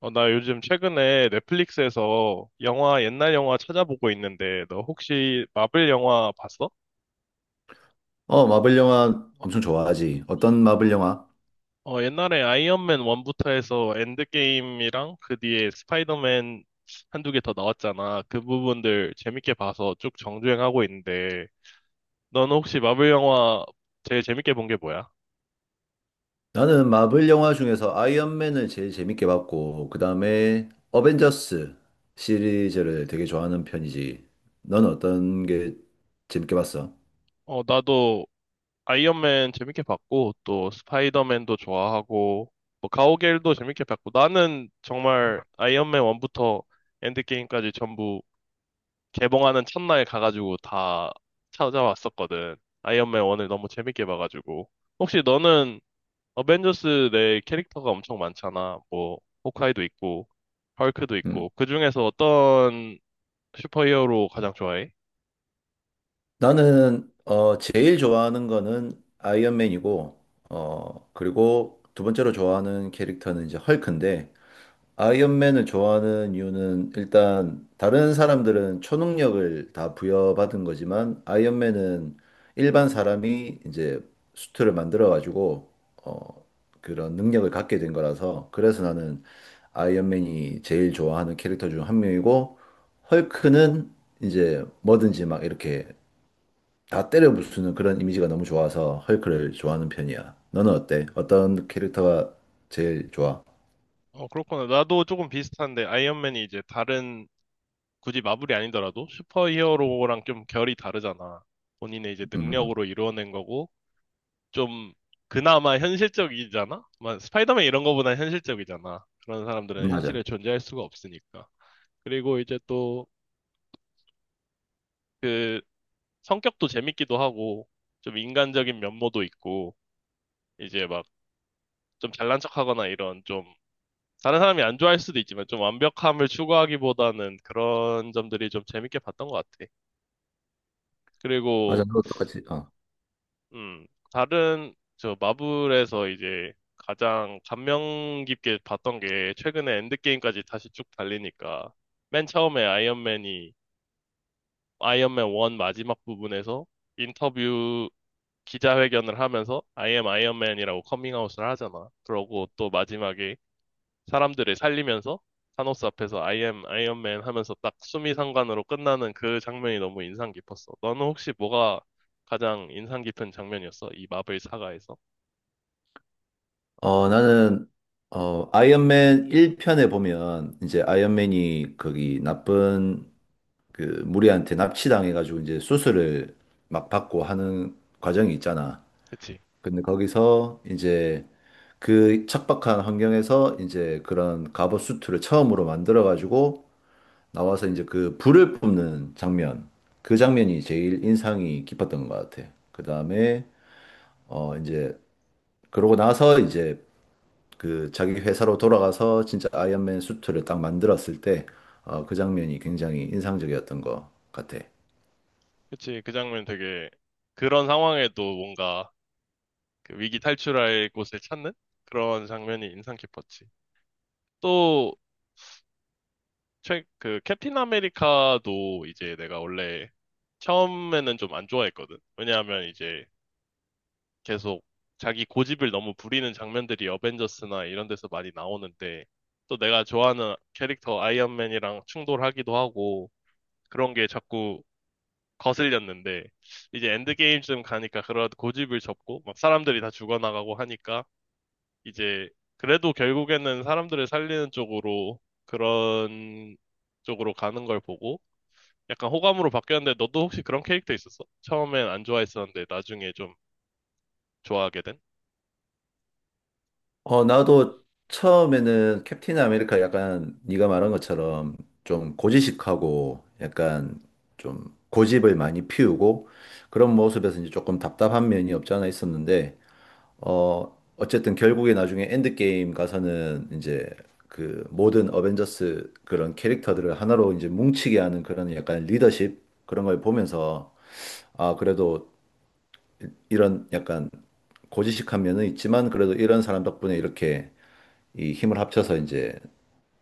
나 요즘 최근에 넷플릭스에서 옛날 영화 찾아보고 있는데, 너 혹시 마블 영화 봤어? 마블 영화 엄청 좋아하지. 어떤 마블 영화? 옛날에 아이언맨 1부터 해서 엔드게임이랑 그 뒤에 스파이더맨 한두 개 더 나왔잖아. 그 부분들 재밌게 봐서 쭉 정주행하고 있는데, 너는 혹시 마블 영화 제일 재밌게 본 게 뭐야? 나는 마블 영화 중에서 아이언맨을 제일 재밌게 봤고, 그 다음에 어벤져스 시리즈를 되게 좋아하는 편이지. 넌 어떤 게 재밌게 봤어? 나도 아이언맨 재밌게 봤고, 또 스파이더맨도 좋아하고, 뭐 가오갤도 재밌게 봤고, 나는 정말 아이언맨 1부터 엔드게임까지 전부 개봉하는 첫날 가가지고 다 찾아왔었거든. 아이언맨 1을 너무 재밌게 봐가지고. 혹시 너는 어벤져스 내 캐릭터가 엄청 많잖아. 뭐, 호크아이도 있고, 헐크도 음. 있고, 그 중에서 어떤 슈퍼히어로 가장 좋아해? 나는, 제일 좋아하는 거는 아이언맨이고, 그리고 두 번째로 좋아하는 캐릭터는 이제 헐크인데, 아이언맨을 좋아하는 이유는 일단 다른 사람들은 초능력을 다 부여받은 거지만 아이언맨은 일반 사람이 이제 수트를 만들어 가지고 어 그런 능력을 갖게 된 거라서 그래서 나는 아이언맨이 제일 좋아하는 캐릭터 중 한 명이고, 헐크는 이제 뭐든지 막 이렇게 다 때려 부수는 그런 이미지가 너무 좋아서 헐크를 좋아하는 편이야. 너는 어때? 어떤 캐릭터가 제일 좋아? 어, 그렇구나. 나도 조금 비슷한데, 아이언맨이 이제 다른 굳이 마블이 아니더라도 슈퍼히어로랑 좀 결이 다르잖아. 본인의 이제 음, 능력으로 이루어낸 거고 좀 그나마 현실적이잖아. 막 스파이더맨 이런 거보다 현실적이잖아. 그런 사람들은 맞아. 현실에 존재할 수가 없으니까. 그리고 이제 또 그 성격도 재밌기도 하고 좀 인간적인 면모도 있고 이제 막 좀 잘난 척하거나 이런 좀 다른 사람이 안 좋아할 수도 있지만 좀 완벽함을 추구하기보다는 그런 점들이 좀 재밌게 봤던 것 같아. 그리고 맞아, 너도 똑같이. 어. 음, 마블에서 이제 가장 감명 깊게 봤던 게 최근에 엔드게임까지 다시 쭉 달리니까 맨 처음에 아이언맨 1 마지막 부분에서 인터뷰 기자회견을 하면서 I am 아이언맨이라고 커밍아웃을 하잖아. 그러고 또 마지막에 사람들을 살리면서 타노스 앞에서 I am 아이언맨 하면서 딱 수미상관으로 끝나는 그 장면이 너무 인상 깊었어. 너는 혹시 뭐가 가장 인상 깊은 장면이었어? 이 마블 사가에서? 나는 아이언맨 1편에 보면 이제 아이언맨이 거기 나쁜 그 무리한테 납치당해 가지고 이제 수술을 막 받고 하는 과정이 있잖아. 그치. 근데 거기서 이제 그 척박한 환경에서 이제 그런 갑옷 수트를 처음으로 만들어 가지고 나와서 이제 그 불을 뿜는 장면. 그 장면이 제일 인상이 깊었던 것 같아. 그다음에 이제 그러고 나서 이제 그 자기 회사로 돌아가서 진짜 아이언맨 수트를 딱 만들었을 때, 그 장면이 굉장히 인상적이었던 것 같아. 그치. 그 장면 되게 그런 상황에도 뭔가 그 위기 탈출할 곳을 찾는 그런 장면이 인상 깊었지. 또, 그 캡틴 아메리카도 이제 내가 원래 처음에는 좀 안 좋아했거든. 왜냐하면 이제 계속 자기 고집을 너무 부리는 장면들이 어벤져스나 이런 데서 많이 나오는데 또 내가 좋아하는 캐릭터 아이언맨이랑 충돌하기도 하고 그런 게 자꾸 거슬렸는데 이제 엔드게임쯤 가니까 그런 고집을 접고 막 사람들이 다 죽어나가고 하니까 이제 그래도 결국에는 사람들을 살리는 쪽으로 그런 쪽으로 가는 걸 보고 약간 호감으로 바뀌었는데 너도 혹시 그런 캐릭터 있었어? 처음엔 안 좋아했었는데 나중에 좀 좋아하게 된? 나도 처음에는 캡틴 아메리카 약간 네가 말한 것처럼 좀 고지식하고 약간 좀 고집을 많이 피우고 그런 모습에서 이제 조금 답답한 면이 없지 않아 있었는데 어쨌든 결국에 나중에 엔드게임 가서는 이제 그 모든 어벤져스 그런 캐릭터들을 하나로 이제 뭉치게 하는 그런 약간 리더십 그런 걸 보면서 아, 그래도 이런 약간 고지식한 면은 있지만 그래도 이런 사람 덕분에 이렇게 이 힘을 합쳐서 이제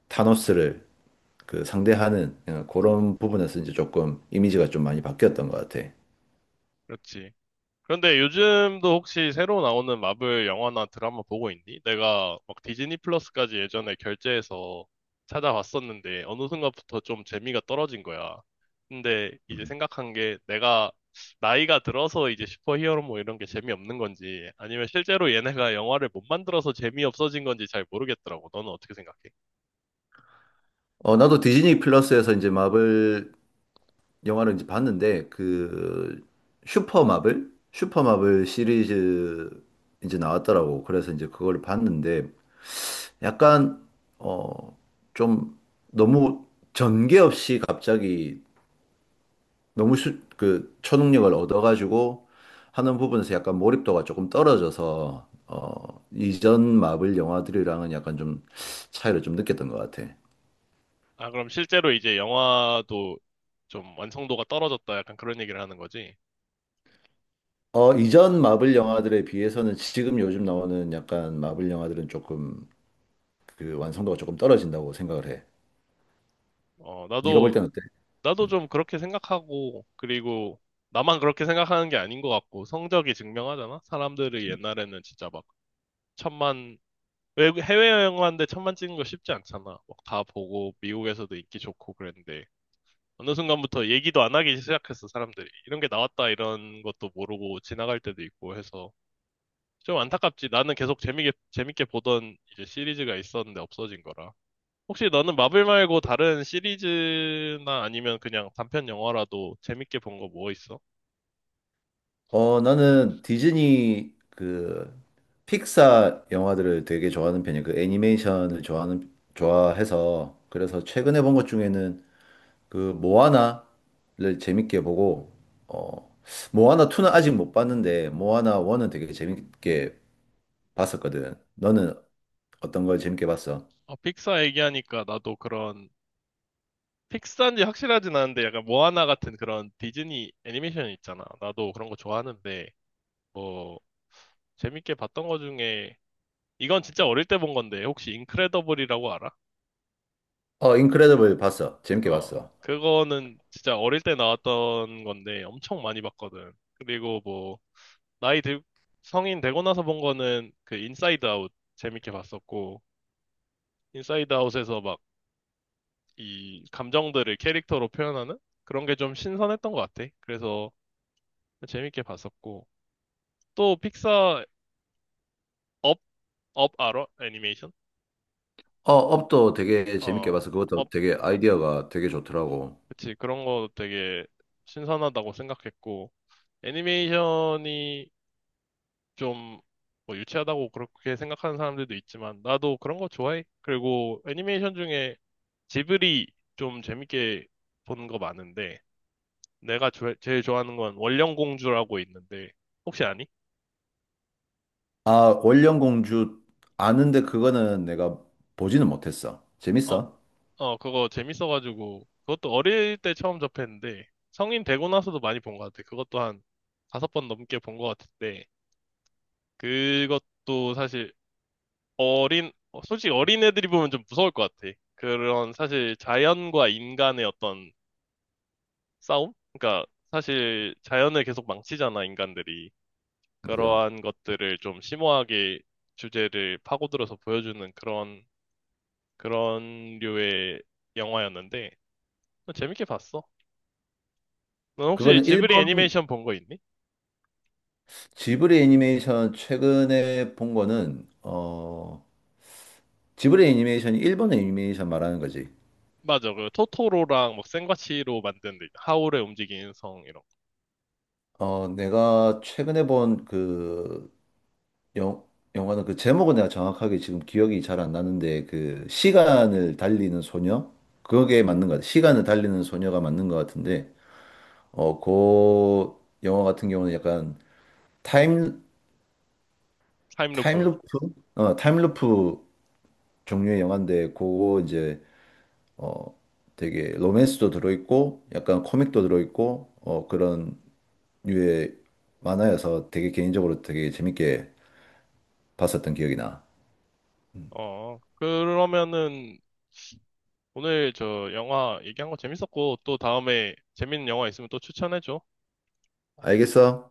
타노스를 그 상대하는, 그런 부분에서 이제 조금 이미지가 좀 많이 바뀌었던 것 같아. 그렇지. 그런데 요즘도 혹시 새로 나오는 마블 영화나 드라마 보고 있니? 내가 막 디즈니 플러스까지 예전에 결제해서 찾아봤었는데 어느 순간부터 좀 재미가 떨어진 거야. 근데 이제 생각한 게 내가 나이가 들어서 이제 슈퍼히어로 뭐 이런 게 재미없는 건지 아니면 실제로 얘네가 영화를 못 만들어서 재미없어진 건지 잘 모르겠더라고. 너는 어떻게 생각해? 나도 디즈니 플러스에서 이제 마블 영화를 이제 봤는데 그 슈퍼마블 시리즈 이제 나왔더라고. 그래서 이제 그걸 봤는데 약간 어 좀 너무 전개 없이 갑자기 그 초능력을 얻어가지고 하는 부분에서 약간 몰입도가 조금 떨어져서 이전 마블 영화들이랑은 약간 좀 차이를 좀 느꼈던 것 같아. 아, 그럼 실제로 이제 영화도 좀 완성도가 떨어졌다 약간 그런 얘기를 하는 거지? 어, 이전 마블 영화들에 비해서는 지금 요즘 나오는 약간 마블 영화들은 조금 그 완성도가 조금 떨어진다고 생각을 해. 어, 네가 볼 나도 때는 어때? 나도 좀 그렇게 생각하고, 그리고 나만 그렇게 생각하는 게 아닌 것 같고, 성적이 증명하잖아? 사람들이 옛날에는 진짜 막 천만, 해외여행 하는데 천만 찍는 거 쉽지 않잖아. 막 다 보고, 미국에서도 인기 좋고 그랬는데, 어느 순간부터 얘기도 안 하기 시작했어, 사람들이. 이런 게 나왔다, 이런 것도 모르고 지나갈 때도 있고 해서. 좀 안타깝지. 나는 계속 재밌게 보던 이제 시리즈가 있었는데 없어진 거라. 혹시 너는 마블 말고 다른 시리즈나 아니면 그냥 단편 영화라도 재밌게 본 거 뭐 있어? 어, 나는 디즈니 그 픽사 영화들을 되게 좋아하는 편이야. 그 애니메이션을 좋아하는 좋아해서 그래서 최근에 본 것 중에는 그 모아나를 재밌게 보고, 어 모아나 2는 아직 못 봤는데 모아나 1은 되게 재밌게 봤었거든. 너는 어떤 걸 재밌게 봤어? 어, 픽사 얘기하니까 나도 그런 픽사인지 확실하진 않은데 약간 모아나 같은 그런 디즈니 애니메이션 있잖아. 나도 그런 거 좋아하는데 뭐 재밌게 봤던 거 중에 이건 진짜 어릴 때 본 건데 혹시 인크레더블이라고 알아? 어, 인크레더블 봤어. 재밌게 어, 봤어. 그거는 진짜 어릴 때 나왔던 건데 엄청 많이 봤거든. 그리고 뭐 나이 들, 성인 되고 나서 본 거는 그 인사이드 아웃 재밌게 봤었고, 인사이드 아웃에서 막 이 감정들을 캐릭터로 표현하는 그런 게 좀 신선했던 것 같아. 그래서 재밌게 봤었고, 또 픽사 업, 업 알아? 애니메이션? 어, 업도 되게 재밌게 어, 봤어. 그것도 업, 되게 아이디어가 되게 좋더라고. 그치. 그런 거 되게 신선하다고 생각했고, 애니메이션이 좀 뭐 유치하다고 그렇게 생각하는 사람들도 있지만 나도 그런 거 좋아해. 그리고 애니메이션 중에 지브리 좀 재밌게 보는 거 많은데 내가 제일 좋아하는 건 원령공주라고 있는데 혹시 아니? 아, 월령공주 아는데 그거는 내가 보지는 못했어. 어, 재밌어? 어, 그거 재밌어가지고 그것도 어릴 때 처음 접했는데 성인 되고 나서도 많이 본 것 같아. 그것도 한 5번 넘게 본 것 같은데 그것도 솔직히 어린애들이 보면 좀 무서울 것 같아. 그런 사실 자연과 인간의 어떤 싸움? 그러니까 사실 자연을 계속 망치잖아, 인간들이. 맞아. 그러한 것들을 좀 심오하게 주제를 파고들어서 보여주는 그런 류의 영화였는데, 재밌게 봤어. 넌 혹시 그거는 지브리 일본 애니메이션 본 거 있니? 지브리 애니메이션 최근에 본 거는 지브리 애니메이션이 일본 애니메이션 말하는 거지. 맞아, 그 토토로랑 막 센과치로 만든 하울의 움직이는 성 이런 거. 내가 최근에 본 그 영화는 그 제목은 내가 정확하게 지금 기억이 잘 안 나는데, 그 시간을 달리는 소녀, 그게 맞는 것 같아. 시간을 달리는 소녀가 맞는 것 같은데 그 영화 같은 경우는 약간 타임, 타임루프. 타임루프? 어, 타임루프 종류의 영화인데 그거 이제 어 되게 로맨스도 들어있고 약간 코믹도 들어있고, 그런 류의 만화여서 되게 개인적으로 되게 재밌게 봤었던 기억이 나. 어, 그러면은 오늘 저 영화 얘기한 거 재밌었고, 또 다음에 재밌는 영화 있으면 또 추천해줘. 알겠어?